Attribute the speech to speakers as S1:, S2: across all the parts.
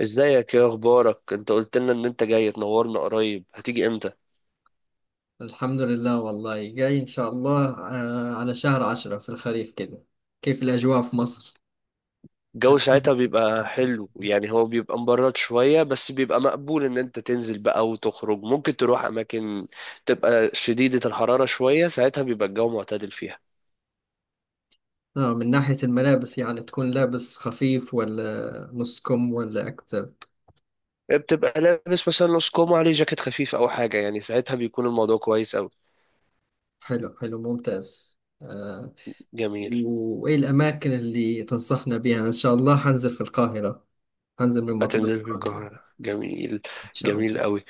S1: ازيك؟ ايه اخبارك؟ انت قلت لنا ان انت جاي تنورنا، قريب هتيجي امتى؟
S2: الحمد لله، والله جاي إن شاء الله، على شهر عشرة في الخريف كده. كيف الأجواء في مصر؟
S1: الجو
S2: هتكون
S1: ساعتها بيبقى حلو، يعني هو بيبقى مبرد شوية بس بيبقى مقبول ان انت تنزل بقى وتخرج، ممكن تروح اماكن. تبقى شديدة الحرارة شوية، ساعتها بيبقى الجو معتدل فيها.
S2: آه من ناحية الملابس، يعني تكون لابس خفيف ولا نص كم ولا أكتر؟
S1: إيه، بتبقى لابس مثلا نص كوم عليه جاكيت خفيف او حاجة، يعني ساعتها بيكون الموضوع كويس اوي.
S2: حلو حلو ممتاز، آه.
S1: جميل.
S2: وإيه الأماكن اللي تنصحنا بها؟ إن شاء الله هنزل في القاهرة، هنزل من مطار
S1: هتنزل في
S2: القاهرة
S1: القاهرة، جميل.
S2: إن شاء الله.
S1: جميل اوي.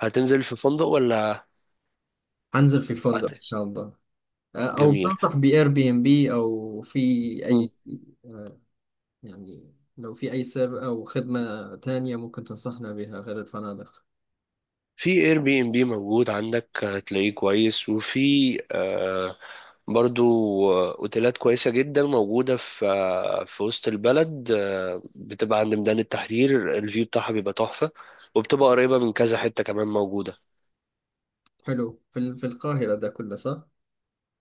S1: هتنزل في فندق ولا
S2: هنزل في فندق إن
S1: هت-
S2: شاء الله. أو
S1: جميل.
S2: تنصح بإير بي إم بي أو في أي؟ يعني لو في أي سبب أو خدمة تانية ممكن تنصحنا بها غير الفنادق.
S1: في اير بي ام بي موجود عندك هتلاقيه كويس، وفي برضو اوتيلات كويسة جدا موجودة في في وسط البلد، بتبقى عند ميدان التحرير، الفيو بتاعها بيبقى تحفة. وبتبقى قريبة من كذا حتة كمان موجودة.
S2: حلو، في القاهرة ده كله، صح؟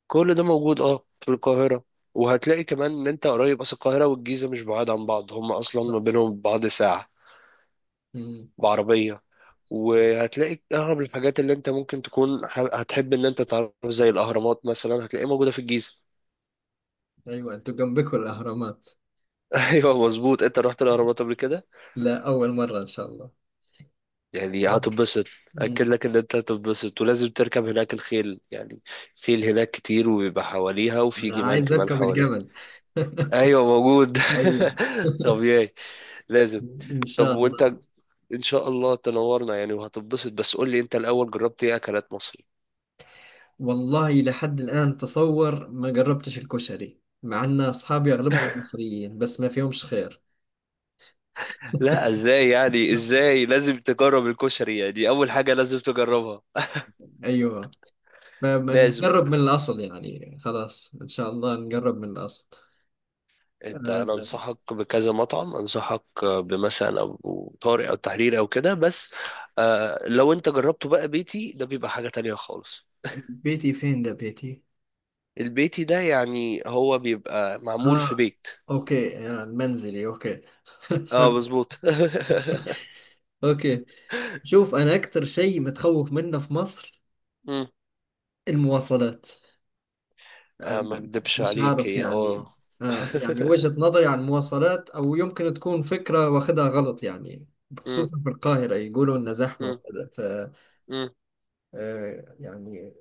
S1: كل ده موجود، اه، في القاهرة. وهتلاقي كمان ان انت قريب، اصل القاهرة والجيزة مش بعاد عن بعض، هم اصلا ما بينهم بعض ساعة
S2: مم.
S1: بعربية. وهتلاقي اغلب الحاجات اللي انت ممكن تكون هتحب ان انت تعرف، زي الاهرامات مثلا، هتلاقيها موجودة في الجيزة.
S2: أيوة، أنتوا جنبكم الأهرامات.
S1: ايوه، مظبوط، انت رحت الاهرامات قبل كده؟
S2: لا، أول مرة إن شاء الله.
S1: يعني هتنبسط. اكد
S2: مم.
S1: لك ان انت هتنبسط، ولازم تركب هناك الخيل يعني. خيل هناك كتير وبيبقى حواليها، وفي
S2: أنا
S1: جمال
S2: عايز
S1: كمان
S2: أركب
S1: حواليها.
S2: الجمل.
S1: ايوه، موجود.
S2: ايوه.
S1: طبيعي. لازم.
S2: ان
S1: طب
S2: شاء الله.
S1: وانت ان شاء الله تنورنا يعني وهتنبسط، بس قول لي انت الاول، جربت ايه اكلات مصري؟
S2: والله لحد الان تصور ما جربتش الكشري، مع ان اصحابي اغلبهم مصريين بس ما فيهمش خير.
S1: لا، ازاي يعني؟ ازاي؟ لازم تجرب الكشري، يعني اول حاجة لازم تجربها.
S2: ايوه.
S1: لازم.
S2: فبنجرب من الاصل يعني، خلاص ان شاء الله نجرب من الاصل.
S1: انت انا
S2: آه،
S1: انصحك بكذا مطعم، انصحك بمثلا ابو طارق او تحرير او كده بس. آه، لو انت جربته بقى بيتي، ده بيبقى حاجة تانية خالص.
S2: بيتي فين ده بيتي؟
S1: البيتي ده يعني هو بيبقى معمول في
S2: ها.
S1: بيت.
S2: اوكي، منزلي، اوكي.
S1: اه،
S2: فهمت،
S1: مظبوط.
S2: اوكي. شوف، انا اكثر شيء متخوف منه في مصر
S1: مم.
S2: المواصلات. آه،
S1: آه، ما اكدبش
S2: مش
S1: عليك،
S2: عارف
S1: هي
S2: يعني.
S1: اه.
S2: يعني وجهة نظري عن المواصلات، او يمكن تكون فكرة واخدها غلط يعني.
S1: مم.
S2: خصوصا في القاهرة يقولوا انها زحمة
S1: مم.
S2: وكذا، ف
S1: مم.
S2: يعني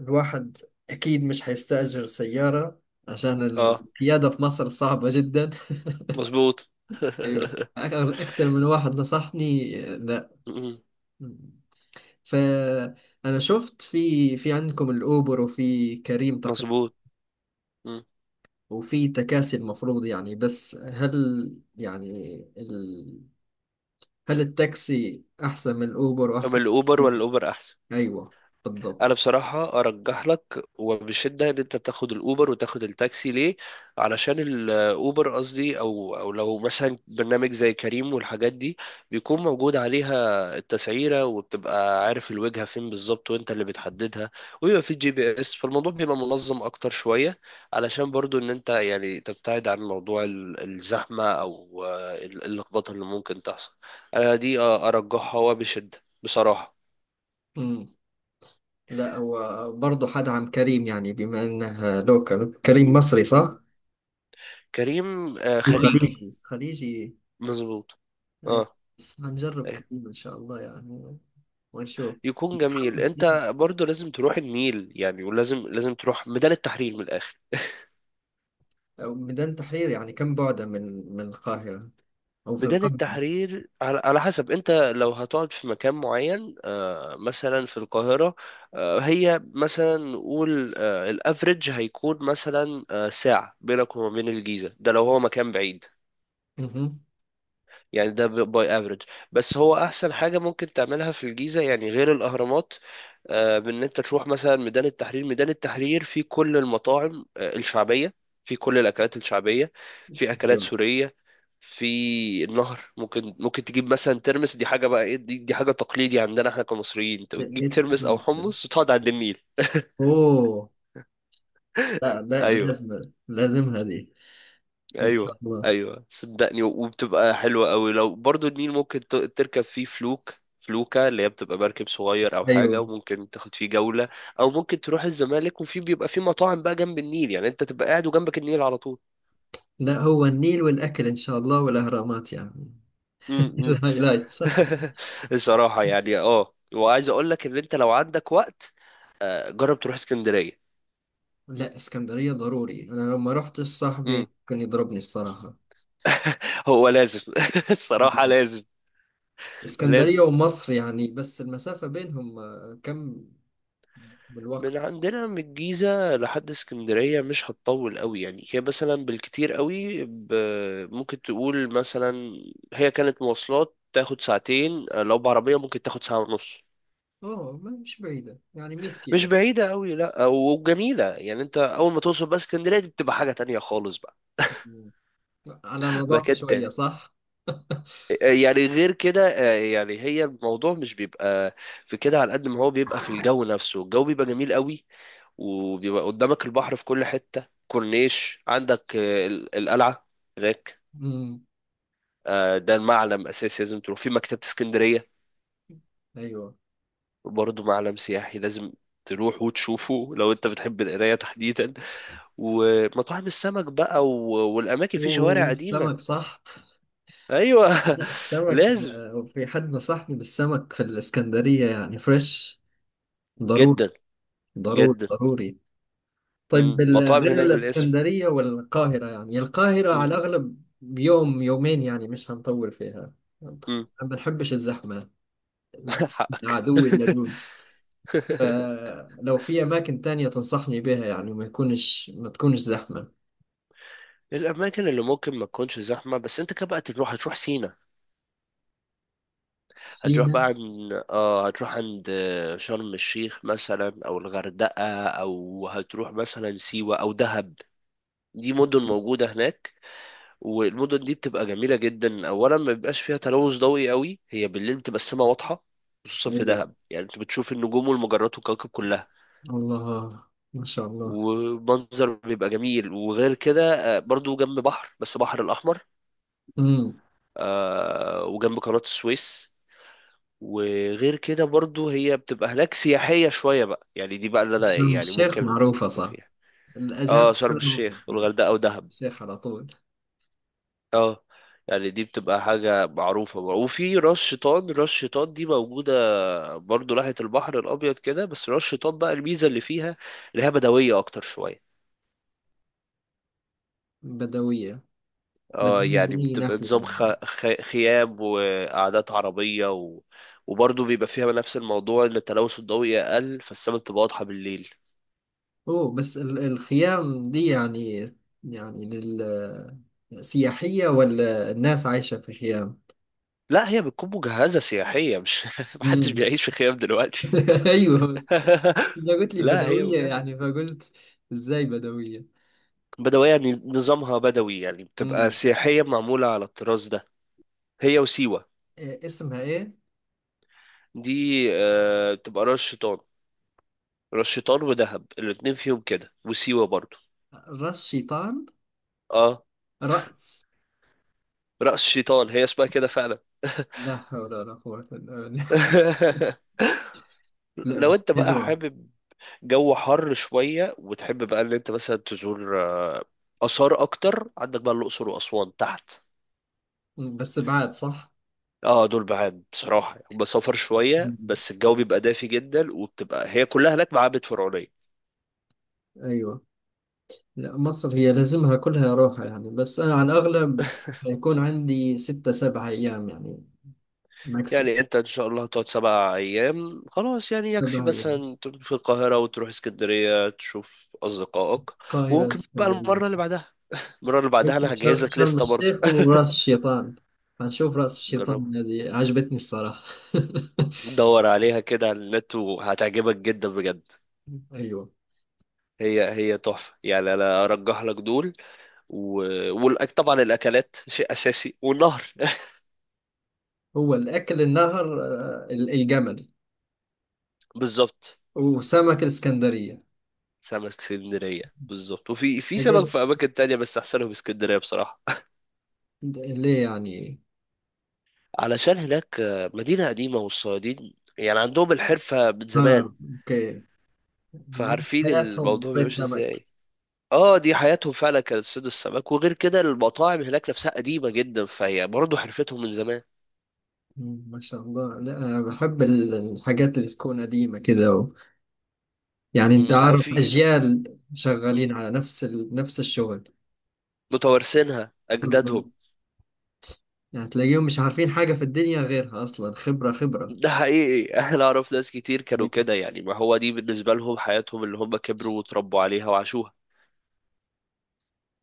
S2: الواحد اكيد مش حيستأجر سيارة، عشان
S1: اه،
S2: القيادة في مصر صعبة جدا.
S1: مظبوط.
S2: ايوه، اكتر من واحد نصحني، لا.
S1: مم.
S2: فانا شفت في عندكم الاوبر وفي كريم تقريبا،
S1: مظبوط. مم.
S2: وفي تكاسي المفروض يعني. بس هل، يعني ال... هل التاكسي احسن من الاوبر
S1: اما
S2: واحسن من
S1: الاوبر ولا
S2: كريم؟
S1: الاوبر احسن؟
S2: ايوه،
S1: انا
S2: بالضبط.
S1: بصراحة ارجح لك وبشدة ان انت تاخد الاوبر، وتاخد التاكسي ليه؟ علشان الاوبر قصدي او لو مثلا برنامج زي كريم والحاجات دي، بيكون موجود عليها التسعيرة، وبتبقى عارف الوجهة فين بالظبط، وانت اللي بتحددها. ويبقى في GPS، فالموضوع بيبقى منظم اكتر شوية. علشان برضو ان انت يعني تبتعد عن موضوع الزحمة، او اللخبطة اللي ممكن تحصل. انا دي ارجحها وبشدة بصراحة.
S2: امم لا هو برضه حدعم كريم يعني، بما انه لوكال،
S1: مم.
S2: كريم مصري، صح؟
S1: كريم خليجي.
S2: خليجي خليجي.
S1: مظبوط.
S2: أيوة.
S1: اه.
S2: بس هنجرب
S1: أيوة.
S2: كريمة إن شاء الله يعني، ونشوف.
S1: يكون جميل.
S2: متحمس
S1: انت
S2: جداً.
S1: برضو لازم تروح النيل يعني، ولازم لازم تروح ميدان التحرير من الاخر.
S2: أو ميدان تحرير يعني، كم بعده من القاهرة، أو في
S1: ميدان
S2: القاهرة؟
S1: التحرير على حسب انت، لو هتقعد في مكان معين، مثلا في القاهرة، هي مثلا نقول الافريج هيكون مثلا ساعة بينك وما بين الجيزة، ده لو هو مكان بعيد.
S2: اها.
S1: يعني ده باي افريج. بس هو احسن حاجه ممكن تعملها في الجيزه يعني غير الاهرامات، بان انت تروح مثلا ميدان التحرير. ميدان التحرير فيه كل المطاعم الشعبيه، فيه كل الاكلات الشعبيه، فيه اكلات
S2: أيوة.
S1: سوريه. في النهر، ممكن تجيب مثلا ترمس. دي حاجه بقى ايه؟ دي حاجه تقليدي عندنا احنا كمصريين، انت
S2: إيه
S1: بتجيب ترمس او
S2: تتحمس له؟
S1: حمص وتقعد عند النيل.
S2: أوه. لا لا،
S1: ايوه.
S2: لازم، لازم هذه إن شاء
S1: ايوه،
S2: الله.
S1: ايوه، صدقني. وبتبقى حلوه قوي. لو برضو النيل ممكن تركب فيه فلوك، فلوكة اللي هي بتبقى مركب صغير او حاجه،
S2: أيوة.
S1: وممكن تاخد فيه جوله. او ممكن تروح الزمالك، وفي بيبقى فيه مطاعم بقى جنب النيل، يعني انت تبقى قاعد وجنبك النيل على طول.
S2: لا، هو النيل والأكل إن شاء الله والأهرامات يعني.
S1: امم.
S2: الهايلايتس.
S1: الصراحه يعني، اه، وعايز اقول لك ان انت لو عندك وقت، جرب تروح اسكندريه.
S2: لا، اسكندرية ضروري. أنا لما رحت
S1: امم.
S2: صاحبي كان يضربني الصراحة.
S1: هو لازم. الصراحه لازم. لازم.
S2: اسكندرية ومصر يعني، بس المسافة بينهم كم بالوقت؟
S1: من عندنا من الجيزة لحد اسكندرية مش هتطول قوي، يعني هي مثلا بالكتير قوي ممكن تقول مثلا، هي كانت مواصلات تاخد ساعتين، لو بعربية ممكن تاخد ساعة ونص.
S2: أوه، مش بعيدة يعني، 100
S1: مش
S2: كيلو.
S1: بعيدة قوي، لا وجميلة. يعني انت اول ما توصل بقى اسكندرية، دي بتبقى حاجة تانية خالص بقى.
S2: مم. على نظافة
S1: مكان
S2: شوية،
S1: تاني.
S2: صح؟
S1: يعني غير كده، يعني هي الموضوع مش بيبقى في كده. على قد ما هو بيبقى في الجو نفسه، الجو بيبقى جميل قوي. وبيبقى قدامك البحر في كل حتة كورنيش. عندك القلعة هناك.
S2: مم.
S1: ده معلم أساسي، لازم تروح في مكتبة اسكندرية،
S2: أيوة.
S1: برضه معلم سياحي، لازم تروح وتشوفه لو انت بتحب القراية تحديدا. ومطاعم السمك بقى والأماكن في شوارع قديمة.
S2: والسمك، صح؟
S1: أيوة.
S2: لا السمك،
S1: لازم.
S2: في حد نصحني بالسمك في الإسكندرية يعني، فريش. ضروري.
S1: جدا.
S2: ضروري
S1: جدا.
S2: ضروري. طيب،
S1: مم. مطاعم
S2: غير
S1: هناك بالاسم.
S2: الإسكندرية والقاهرة يعني، القاهرة
S1: مم.
S2: على الأغلب يوم يومين يعني، مش هنطول فيها. ما
S1: مم.
S2: بنحبش الزحمة. الزحمة
S1: حقك.
S2: عدوي اللدود. فلو في أماكن تانية تنصحني بها يعني، ما تكونش زحمة.
S1: الأماكن اللي ممكن ما تكونش زحمة، بس انت كده بقى تروح، هتروح سينا. هتروح
S2: سينا.
S1: بقى عن... اه، هتروح عند شرم الشيخ مثلا، او الغردقة، او هتروح مثلا سيوة او دهب. دي مدن موجودة هناك. والمدن دي بتبقى جميلة جدا. اولا، ما بيبقاش فيها تلوث ضوئي قوي، هي بالليل بتبقى السما واضحة، خصوصا في
S2: ايوه.
S1: دهب، يعني انت بتشوف النجوم والمجرات والكواكب كلها.
S2: الله. ما شاء الله.
S1: ومنظر بيبقى جميل. وغير كده برضو جنب بحر، بس بحر الأحمر،
S2: امم
S1: وجنب قناة السويس. وغير كده برضو هي بتبقى هناك سياحية شوية بقى، يعني دي بقى اللي انا
S2: شرم
S1: يعني
S2: الشيخ
S1: ممكن
S2: معروفة، صح؟
S1: فيها. اه،
S2: الأجانب
S1: شرم
S2: كلهم
S1: الشيخ
S2: يعني.
S1: والغردقة ودهب.
S2: الشيخ على طول.
S1: اه، يعني دي بتبقى حاجة معروفة بقى. وفي راس شيطان. راس شيطان دي موجودة برضو ناحية البحر الأبيض كده، بس راس شيطان بقى الميزة اللي فيها، اللي هي بدوية أكتر شوية.
S2: بدوية.
S1: اه،
S2: بدوية
S1: يعني
S2: من أي
S1: بتبقى
S2: ناحية
S1: نظام
S2: يعني؟
S1: خيام وقعدات عربية وبرضه بيبقى فيها نفس الموضوع، إن التلوث الضوئي أقل فالسما بتبقى واضحة بالليل.
S2: أوه بس، الخيام دي يعني لل سياحية ولا الناس عايشة في خيام؟
S1: لا، هي بتكون مجهزة سياحية، مش محدش
S2: امم.
S1: بيعيش في خيام دلوقتي.
S2: أيوه بس، أنت قلت لي
S1: لا، هي
S2: بدوية
S1: مجهزة.
S2: يعني، فقلت إزاي بدوية؟
S1: بدوية، نظامها بدوي يعني، بتبقى سياحية معمولة على الطراز ده. هي وسيوة.
S2: إيه اسمها، ايه؟
S1: دي بتبقى راس شيطان. راس شيطان ودهب الاتنين فيهم كده، وسيوة برضو.
S2: راس شيطان.
S1: اه.
S2: رأس
S1: رأس شيطان، هي اسمها كده فعلا.
S2: لا حول ولا قوة إلا بالله. لا
S1: لو
S2: بس
S1: انت بقى
S2: حلوة.
S1: حابب جو حر شوية، وتحب بقى ان انت مثلا تزور آثار أكتر، عندك بقى الأقصر وأسوان تحت.
S2: بس بعد، صح؟
S1: اه، دول بعاد بصراحة، هم سفر شوية،
S2: مم.
S1: بس الجو بيبقى دافي جدا، وبتبقى هي كلها هناك معابد فرعونية.
S2: ايوه. لا مصر هي لازمها كلها روحة يعني، بس انا على الاغلب حيكون عندي ستة سبعة ايام يعني، ماكسيم.
S1: يعني انت ان شاء الله هتقعد 7 ايام خلاص، يعني يكفي
S2: سبعة ايام،
S1: مثلا تروح في القاهرة وتروح اسكندرية تشوف اصدقائك.
S2: القاهرة،
S1: وممكن بقى
S2: اسكندرية.
S1: المرة اللي بعدها، المرة اللي
S2: قلت
S1: بعدها انا هجهز
S2: شرم،
S1: لك لستة برضه.
S2: الشيخ وراس الشيطان. هنشوف راس
S1: جربها.
S2: الشيطان، هذه عجبتني الصراحة.
S1: دور عليها كده على النت وهتعجبك جدا بجد.
S2: ايوه.
S1: هي هي تحفة، يعني انا ارجح لك دول. و... طبعا الاكلات شيء اساسي، والنهر.
S2: هو الاكل، النهر، الجمل،
S1: بالظبط.
S2: وسمك الإسكندرية.
S1: سمك اسكندرية. بالظبط. وفي سمك
S2: حاجات
S1: في أماكن تانية، بس أحسنهم اسكندرية بصراحة.
S2: اللي يعني،
S1: علشان هناك مدينة قديمة، والصيادين يعني عندهم الحرفة من زمان،
S2: اه، اوكي. الناس
S1: فعارفين
S2: حياتهم
S1: الموضوع
S2: صيد
S1: بيمشي
S2: سمك.
S1: ازاي. اه، دي حياتهم فعلا كانت صيد السمك، وغير كده المطاعم هناك نفسها قديمة جدا، فهي برضه حرفتهم من زمان.
S2: مم، ما شاء الله. لا أنا بحب الحاجات اللي تكون قديمة كده و... يعني انت
S1: مم،
S2: عارف،
S1: في.
S2: اجيال
S1: مم.
S2: شغالين على نفس الشغل.
S1: متوارثينها
S2: بالظبط.
S1: أجدادهم.
S2: يعني تلاقيهم مش عارفين حاجة في الدنيا غيرها اصلا، خبرة خبرة.
S1: ده حقيقي. احنا، اعرف ناس كتير كانوا
S2: طيب،
S1: كده، يعني ما هو دي بالنسبة لهم حياتهم اللي هم كبروا وتربوا عليها وعاشوها.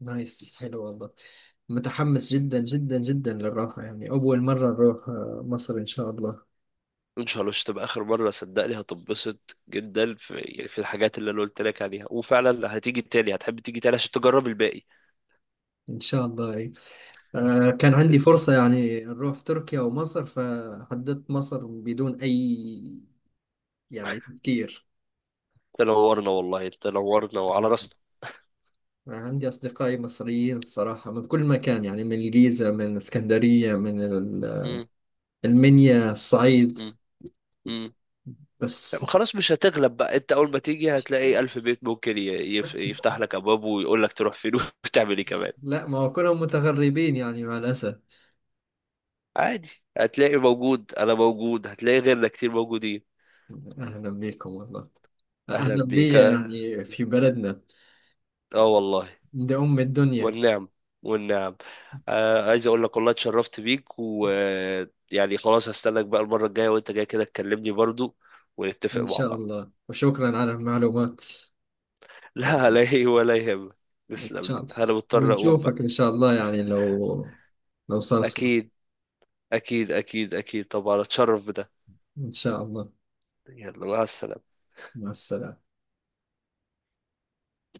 S2: نايس، حلو والله. متحمس جدا جدا جدا للراحة يعني، اول مرة نروح مصر ان شاء الله.
S1: ان شاء الله مش تبقى اخر مره، صدقني هتنبسط جدا في يعني في الحاجات اللي انا قلت لك عليها، وفعلا هتيجي تاني، هتحب تيجي تاني عشان تجرب الباقي.
S2: ان شاء الله. كان عندي فرصة يعني نروح تركيا أو مصر، فحددت مصر بدون أي يعني تفكير.
S1: تنورنا والله، تنورنا وعلى راسنا.
S2: عندي أصدقائي مصريين الصراحة من كل مكان يعني، من الجيزة، من اسكندرية، من
S1: مم.
S2: المنيا، الصعيد،
S1: مم. مم.
S2: بس
S1: طب خلاص، مش هتغلب بقى. انت اول ما تيجي هتلاقي الف بيت ممكن يفتح لك ابواب، ويقول لك تروح فين وتعمل ايه كمان.
S2: لا ما هو كلهم متغربين يعني مع الأسف.
S1: عادي. هتلاقي موجود، انا موجود، هتلاقي غيرنا كتير موجودين.
S2: أهلا بكم والله.
S1: اهلا
S2: أهلا بي
S1: بيك، اه.
S2: يعني في بلدنا،
S1: آه، والله.
S2: عند أم الدنيا.
S1: والنعم. والنعم. آه، عايز اقول لك والله اتشرفت بيك، ويعني خلاص هستناك بقى المرة الجاية، وانت جاي كده تكلمني برضو، ونتفق
S2: إن
S1: مع
S2: شاء
S1: بعض.
S2: الله. وشكرا على المعلومات.
S1: لا، لا، ولا يهمك.
S2: إن
S1: تسلم
S2: شاء
S1: لي،
S2: الله.
S1: انا مضطر اقوم
S2: ونشوفك
S1: بقى.
S2: إن شاء الله يعني، لو صارت فرصة.
S1: اكيد. اكيد، اكيد، اكيد، طبعا اتشرف بده.
S2: إن شاء الله.
S1: يلا، مع السلامة.
S2: مع السلامة.